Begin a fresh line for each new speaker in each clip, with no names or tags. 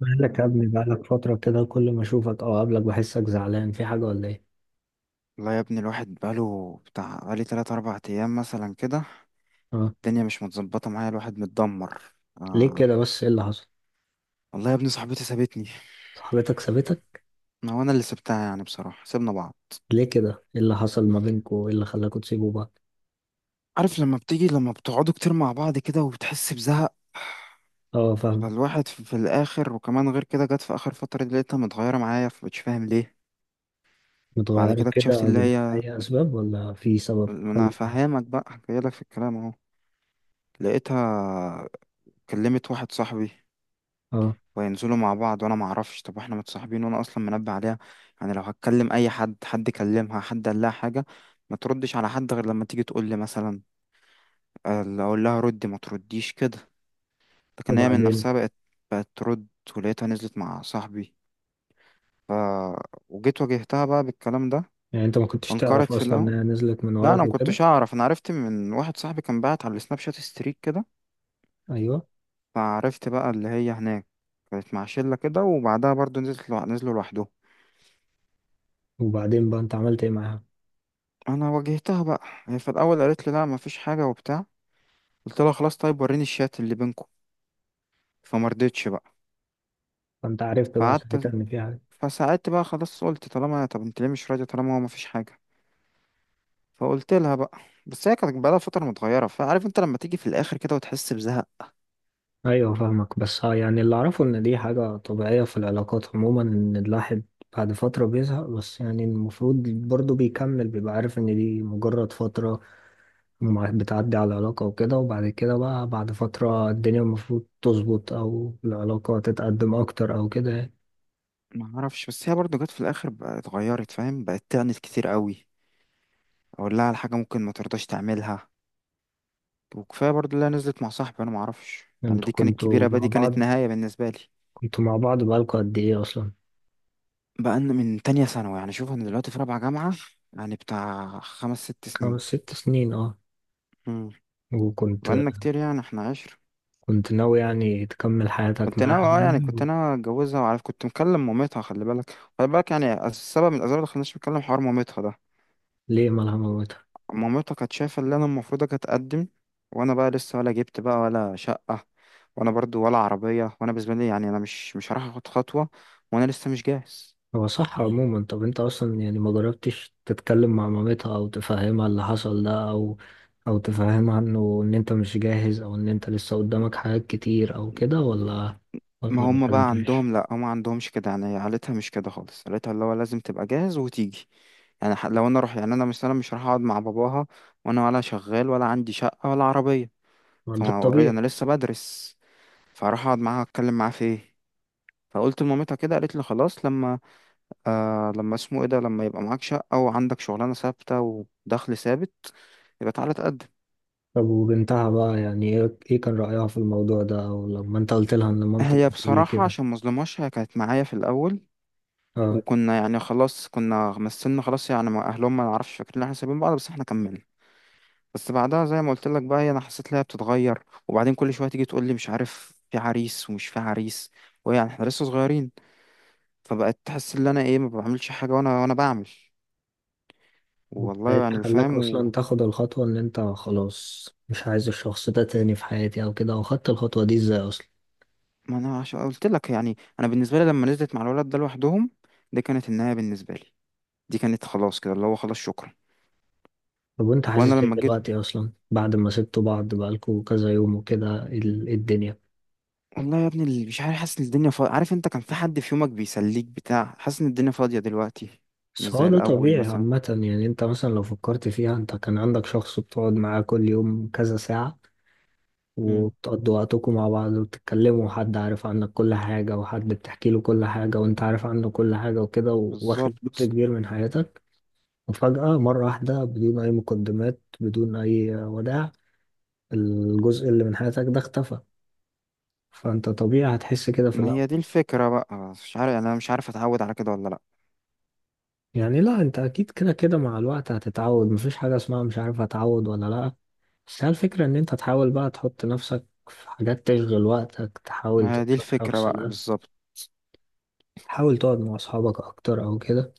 مالك يا ابني؟ بقالك فترة كده كل ما اشوفك او اقابلك بحسك زعلان، في حاجة ولا ايه؟
والله يا ابني الواحد بقاله بتاع بقالي 3 4 أيام مثلا كده.
اه.
الدنيا مش متظبطة معايا، الواحد متدمر.
ليه
آه.
كده بس؟ ايه اللي حصل؟
والله يا ابني صاحبتي سابتني.
صاحبتك سابتك؟
ما هو أنا اللي سبتها، يعني بصراحة سيبنا بعض.
ليه كده؟ ايه اللي حصل ما بينكوا؟ ايه اللي خلاكوا تسيبوا بعض؟
عارف لما بتيجي، لما بتقعدوا كتير مع بعض كده وبتحس بزهق،
اه، فاهمك.
فالواحد في الآخر. وكمان غير كده جت في آخر فترة دي لقيتها متغيرة معايا، فمش فاهم ليه. بعد
متغيرة
كده
كده
اكتشفت اللي
بدون
هي،
اي اسباب، ولا في سبب
ما أنا فهمك بقى جايلك في الكلام أهو. لقيتها كلمت واحد صاحبي
اه
وينزلوا مع بعض وانا ما اعرفش. طب واحنا متصاحبين وانا اصلا منبه عليها يعني لو هتكلم اي حد، حد كلمها، حد قال لها حاجه، ما تردش على حد غير لما تيجي تقول لي مثلا. اللي اقول لها ردي ما ترديش كده، لكن هي من
وبعدين.
نفسها بقت، بقت ترد. ولقيتها نزلت مع صاحبي. ف... وجيت واجهتها بقى بالكلام ده.
يعني انت ما كنتش
انكرت
تعرف
في
اصلا ان
الاول.
هي نزلت من
لا، انا
وراك
ما
وكده؟
كنتش اعرف. انا عرفت من واحد صاحبي كان بعت على السناب شات ستريك كده.
ايوه.
فعرفت بقى اللي هي هناك كانت مع شله كده، وبعدها برضو نزلت نزلوا لوحدهم.
وبعدين بقى انت عملت ايه معاها؟
انا واجهتها بقى. هي في الاول قالت لي لا مفيش حاجه وبتاع. قلت لها خلاص، طيب، وريني الشات اللي بينكم. فما رضتش بقى.
فانت عرفت بقى ساعتها
فقعدت،
ان في حاجة.
فساعدت بقى، خلاص قلت، طالما، طب انت ليه مش راضيه طالما هو مفيش حاجه؟ فقلت لها بقى. بس هي كانت بقالها فتره متغيره، فعارف انت لما تيجي في الاخر كده وتحس بزهق.
ايوه فاهمك. بس ها، يعني اللي اعرفه ان دي حاجة طبيعية في العلاقات عموما، ان الواحد بعد فترة بيزهق، بس يعني المفروض برضه بيكمل، بيبقى عارف ان دي مجرد فترة بتعدي على العلاقة وكده، وبعد كده بقى بعد فترة الدنيا المفروض تظبط او العلاقة تتقدم اكتر او كده يعني.
ما اعرفش، بس هي برضو جت في الاخر بقى اتغيرت، فاهم، بقت تعنت كتير قوي. اقول لها على حاجه ممكن ما ترضاش تعملها. وكفايه برضو اللي هي نزلت مع صاحبي انا ما اعرفش. يعني
انتوا
دي كانت كبيره
كنتوا
بقى،
مع
دي كانت
بعض،
نهايه بالنسبه لي.
بقالكوا قد ايه اصلا؟
بقى إن من تانية ثانوي. يعني شوف، انا دلوقتي في رابعة جامعة، يعني بتاع خمس ست
خمس
سنين
ست سنين اه.
امم
وكنت
بقالنا كتير يعني، احنا عشر.
كنت ناوي يعني تكمل حياتك
كنت ناوي،
معاها
اه يعني كنت
يعني؟
ناوي اتجوزها، وعارف كنت مكلم مامتها. خلي بالك، خلي بالك، يعني السبب من الاسباب اللي خلانيش مكلم حوار مامتها ده.
ليه ملهمة؟
مامتها كانت شايفة اللي انا المفروض اتقدم، وانا بقى لسه ولا جبت بقى ولا شقة، وانا برضو ولا عربية. وانا بالنسبة لي يعني انا مش هروح اخد خطوة وانا لسه مش جاهز.
هو صح عموما. طب انت اصلا يعني ما جربتش تتكلم مع مامتها او تفهمها اللي حصل ده، او او تفهمها انه ان انت مش جاهز، او ان انت لسه قدامك حاجات كتير او كده، ولا
ما
ولا ما
هم بقى
اتكلمتش؟
عندهم، لا هم ما عندهمش كده يعني. عيلتها مش كده خالص، عيلتها اللي هو لازم تبقى جاهز وتيجي. يعني لو انا اروح، يعني انا مثلا مش هروح اقعد مع باباها وانا ولا شغال ولا عندي شقة ولا عربية.
ما ده
فانا اوريدي انا
الطبيعي.
لسه بدرس، فاروح اقعد معاها اتكلم معاها في ايه؟ فقلت لمامتها كده، قالت لي خلاص لما، آه لما اسمه ايه ده، لما يبقى معاك شقة وعندك شغلانة ثابتة ودخل ثابت يبقى تعالى تقدم.
طب وبنتها بقى يعني ايه، ايه كان رأيها في الموضوع ده، او لما انت قلت لها ان مامتك
هي
بتقولي
بصراحة
كده؟
عشان مظلمهاش هي كانت معايا في الأول.
اه.
وكنا يعني خلاص كنا مثلنا، خلاص يعني مع اهلهم، ما نعرفش فاكرين ان احنا سايبين بعض، بس احنا كملنا. بس بعدها زي ما قلت لك بقى، هي انا حسيت ان هي بتتغير، وبعدين كل شويه تيجي تقول لي مش عارف في عريس ومش في عريس، ويعني احنا لسه صغيرين. فبقت تحس ان انا ايه ما بعملش حاجه، وانا بعمل
ايه
والله
اللي
يعني
خلاك
فاهم
اصلا تاخد الخطوة ان انت خلاص مش عايز الشخص ده تاني في حياتي، او كده؟ او خدت الخطوة دي ازاي اصلا؟
ما انا عشان قلت لك يعني. انا بالنسبه لي لما نزلت مع الولد ده لوحدهم، دي كانت النهايه بالنسبه لي، دي كانت خلاص كده اللي هو خلاص شكرا.
طب وانت
وانا
حاسس ايه
لما جيت،
دلوقتي اصلا بعد ما سبتوا بعض بقالكوا كذا يوم وكده؟ الدنيا.
والله يا ابني اللي مش عارف، حاسس ان الدنيا فاضية. عارف انت كان في حد في يومك بيسليك بتاع حاسس ان الدنيا فاضية دلوقتي، مش
بس
زي
هو ده
الاول
طبيعي
مثلا.
عامة يعني. انت مثلا لو فكرت فيها، انت كان عندك شخص بتقعد معاه كل يوم كذا ساعة،
مم.
وبتقضوا وقتكم مع بعض، وبتتكلموا، وحد عارف عنك كل حاجة، وحد بتحكي له كل حاجة، وانت عارف عنه كل حاجة وكده، واخد
بالظبط.
جزء كبير من حياتك. وفجأة مرة واحدة بدون أي مقدمات، بدون أي وداع، الجزء اللي من حياتك ده اختفى. فانت طبيعي هتحس كده في
ما
الأول.
هي دي الفكرة بقى، مش عارف يعني انا مش عارف اتعود على كده ولا لا.
يعني لا، انت اكيد كده كده مع الوقت هتتعود. مفيش حاجة اسمها مش عارف هتعود ولا لا. بس هي الفكرة ان انت تحاول بقى تحط نفسك في حاجات تشغل وقتك، تحاول
ما هي دي
تنسى
الفكرة
الشخص
بقى
ده.
بالظبط.
حاول تقعد مع اصحابك اكتر او كده،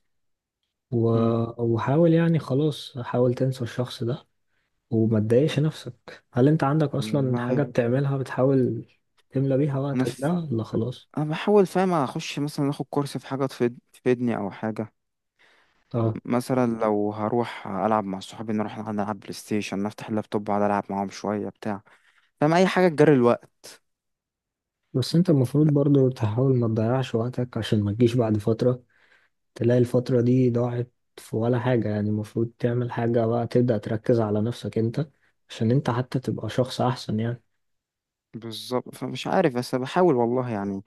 و...
مم.
وحاول يعني خلاص حاول تنسى الشخص ده، وما تضايقش نفسك. هل انت عندك اصلا حاجة
والله
بتعملها، بتحاول تملى بيها
انا
وقتك ده،
في...
ولا خلاص؟
انا بحاول فاهم، اخش مثلا اخد كورس في حاجة تفيدني او حاجة.
اه.
مثلا لو هروح العب مع صحابي، نروح نلعب بلاي ستيشن، نفتح اللابتوب اقعد العب معاهم شوية بتاع فاهم، اي حاجة تجري الوقت.
بس انت المفروض برضو تحاول ما تضيعش وقتك، عشان ما تجيش بعد فترة تلاقي الفترة دي ضاعت في ولا حاجة يعني. المفروض تعمل حاجة بقى، تبدأ تركز على نفسك انت، عشان انت حتى تبقى شخص أحسن يعني.
بالظبط، فمش عارف بس بحاول والله يعني.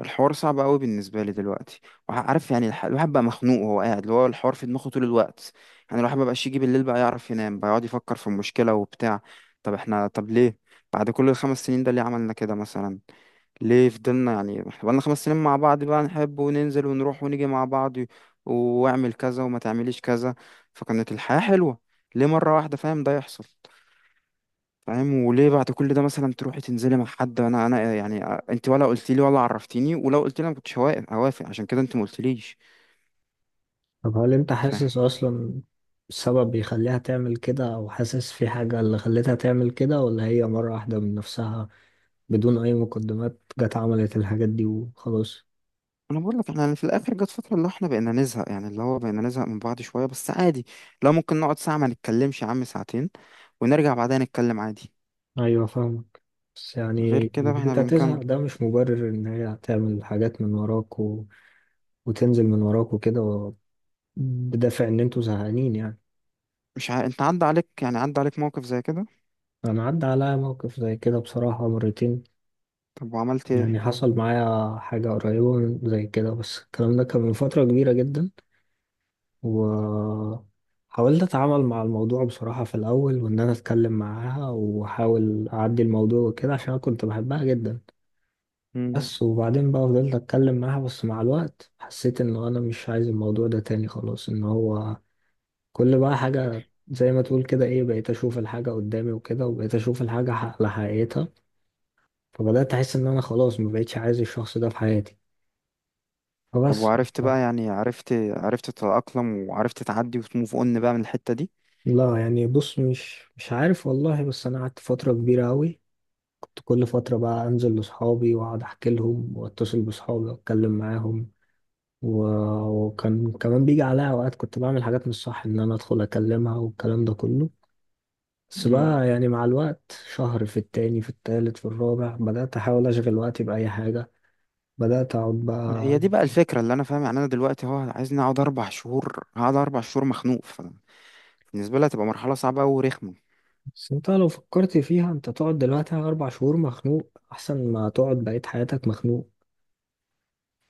الحوار صعب قوي بالنسبه لي دلوقتي، وعارف يعني الواحد بقى مخنوق وهو قاعد، اللي هو الحوار في دماغه طول الوقت. يعني الواحد مبقاش يجي بالليل بقى يعرف ينام، بقى يقعد يفكر في المشكله وبتاع. طب احنا، طب ليه بعد كل ال 5 سنين ده ليه عملنا كده مثلا؟ ليه فضلنا، يعني احنا بقالنا 5 سنين مع بعض بقى نحب وننزل ونروح ونيجي مع بعض واعمل كذا وما تعمليش كذا، فكانت الحياه حلوه. ليه مره واحده فاهم ده يحصل؟ فاهم، وليه بعد كل ده مثلا تروحي تنزلي مع حد؟ انا يعني انت ولا قلت لي ولا عرفتيني، ولو قلت لي انا ما كنتش هوافق، عشان كده انت ما قلتليش.
طب هل انت
فاهم.
حاسس أصلا السبب بيخليها تعمل كده، أو حاسس في حاجة اللي خلتها تعمل كده، ولا هي مرة واحدة من نفسها بدون أي مقدمات جت عملت الحاجات دي وخلاص؟
انا بقول لك احنا يعني في الاخر جت فتره اللي هو احنا بقينا نزهق، يعني اللي هو بقينا نزهق من بعض شويه بس عادي، لو ممكن نقعد ساعه ما نتكلمش يا عم، 2 ساعة، ونرجع بعدها نتكلم عادي.
أيوة فاهمك. بس
غير
يعني
كده
إن
احنا
أنت
بنكمل.
تزهق ده مش مبرر إن هي تعمل حاجات من وراك، وتنزل من وراك وكده، بدافع إن أنتوا زهقانين يعني.
مش ع... انت عدى عليك، يعني عدى عليك موقف زي كده؟
أنا عدى عليا موقف زي كده بصراحة مرتين.
طب وعملت ايه؟
يعني حصل معايا حاجة قريبة من زي كده، بس الكلام ده كان من فترة كبيرة جدا. وحاولت أتعامل مع الموضوع بصراحة في الأول، وإن أنا أتكلم معاها وأحاول أعدي الموضوع وكده، عشان أنا كنت بحبها جدا.
مم.
بس وبعدين بقى فضلت أتكلم معاها، بس مع الوقت حسيت إن أنا مش عايز الموضوع ده تاني خلاص، إن هو كل بقى حاجة زي ما تقول كده إيه، بقيت أشوف الحاجة قدامي وكده، وبقيت أشوف الحاجة على حقيقتها. فبدأت أحس إن أنا خلاص ما بقتش عايز الشخص ده في حياتي
طب
فبس.
وعرفت بقى، يعني عرفت، عرفت تتأقلم وعرفت تعدي وتموف اون بقى من الحته
لا يعني، بص، مش عارف والله. بس أنا قعدت فترة كبيرة أوي، كنت كل فترة بقى أنزل لأصحابي وأقعد أحكي لهم، وأتصل بأصحابي وأتكلم معاهم و... وكان كمان بيجي عليا أوقات كنت بعمل حاجات مش صح، إن أنا أدخل أكلمها والكلام ده كله. بس
دي؟
بقى يعني مع الوقت، شهر في التاني في التالت في الرابع، بدأت أحاول أشغل وقتي بأي حاجة، بدأت أقعد
ما هي
بقى.
دي بقى الفكرة اللي أنا فاهم. يعني أنا دلوقتي هو عايزني أقعد 4 شهور، هقعد 4 شهور مخنوق. فبالنسبة لي هتبقى مرحلة صعبة أوي ورخمة.
بس انت لو فكرت فيها، انت تقعد دلوقتي على 4 شهور مخنوق، احسن ما تقعد بقية حياتك مخنوق.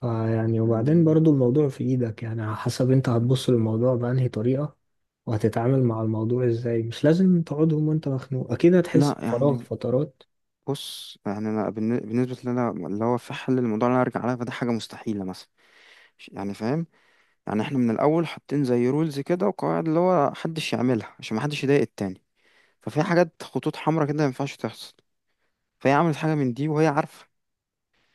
آه يعني. وبعدين
يعني-
برضو الموضوع في ايدك يعني، على حسب انت هتبص للموضوع بأنهي طريقة وهتتعامل مع الموضوع ازاي. مش لازم تقعدهم وانت مخنوق، اكيد هتحس
لا
بفراغ
يعني
فترات.
بص، يعني أنا بالنسبة لي أنا اللي هو في حل الموضوع اللي أنا أرجع لها، فده حاجة مستحيلة مثلا. يعني فاهم. يعني إحنا من الأول حاطين زي رولز كده وقواعد اللي هو محدش يعملها عشان محدش يضايق التاني. ففي حاجات خطوط حمراء كده ما ينفعش تحصل، فهي عملت حاجة من دي وهي عارفة.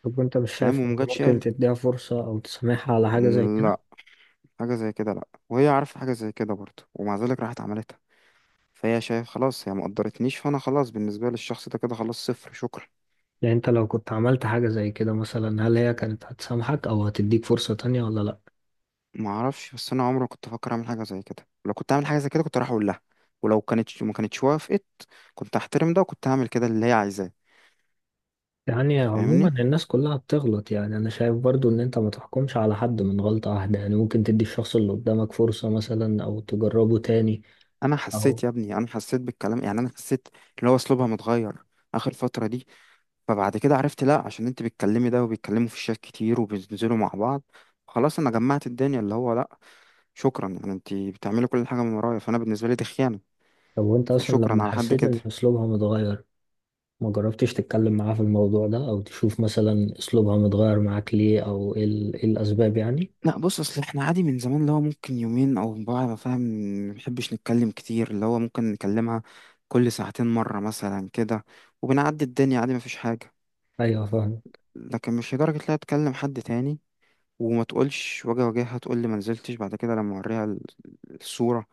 طب انت مش
فاهم
شايف ان
ومجتش
ممكن
قالت.
تديها فرصة او تسامحها على حاجة زي كده؟
لا، حاجة زي كده لا، وهي عارفة حاجة زي كده برضه ومع ذلك راحت عملت. فهي شايف، خلاص هي ما قدرتنيش، فانا خلاص بالنسبه للشخص ده كده خلاص، صفر، شكرا.
يعني انت لو كنت عملت حاجة زي كده مثلا، هل هي كانت هتسامحك او هتديك فرصة تانية ولا لا؟
ما اعرفش، بس انا عمري ما كنت افكر اعمل حاجه زي كده. لو كنت اعمل حاجه زي كده كنت راح اقول لها، ولو كانت ما كانتش وافقت كنت هحترم ده وكنت هعمل كده اللي هي عايزاه.
يعني عموما
فاهمني،
الناس كلها بتغلط يعني. انا شايف برضو ان انت ما تحكمش على حد من غلطة واحدة يعني، ممكن تدي الشخص اللي قدامك فرصة مثلا او تجربه تاني،
انا
او
حسيت يا ابني، انا حسيت بالكلام يعني، انا حسيت اللي هو اسلوبها متغير اخر فتره دي. فبعد كده عرفت، لا، عشان انت بتكلمي ده وبيتكلموا في الشات كتير وبينزلوا مع بعض. خلاص انا جمعت الدنيا اللي هو لا، شكرا، يعني انت بتعملي كل حاجه من ورايا، فانا بالنسبه لي دي خيانه.
طب وانت اصلا
فشكرا،
لما
على حد
حسيت ان
كده.
اسلوبها متغير، ما جربتش تتكلم معاه في الموضوع ده، او تشوف مثلا اسلوبها متغير معاك ليه، او ايه إيه الاسباب يعني؟
لا بص اصل احنا عادي من زمان اللي هو ممكن 2 يوم او بعد ما، فاهم، ما بنحبش نتكلم كتير، اللي هو ممكن نكلمها كل 2 ساعة مرة مثلا كده، وبنعدي الدنيا عادي مفيش حاجة.
ايوه فاهم.
لكن مش لدرجة لا تكلم حد تاني وما تقولش، واجي اواجهها تقول لي ما نزلتش، بعد كده لما اوريها الصورة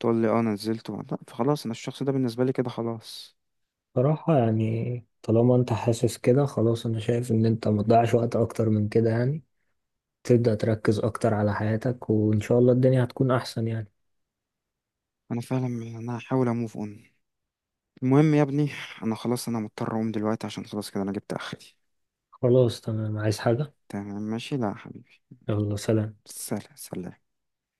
تقول لي اه أنا نزلت لا، فخلاص انا الشخص ده بالنسبة لي كده خلاص.
صراحة يعني طالما انت حاسس كده خلاص، انا شايف ان انت ما تضيعش وقت اكتر من كده يعني، تبدأ تركز اكتر على حياتك، وان شاء الله الدنيا هتكون احسن يعني.
انا فعلا انا هحاول اموف اون. المهم يا ابني، انا خلاص انا مضطر اقوم دلوقتي عشان خلاص كده انا جبت اخري.
خلاص تمام، عايز حاجة؟
تمام، ماشي، لا يا حبيبي،
يلا سلام.
سلام سلام.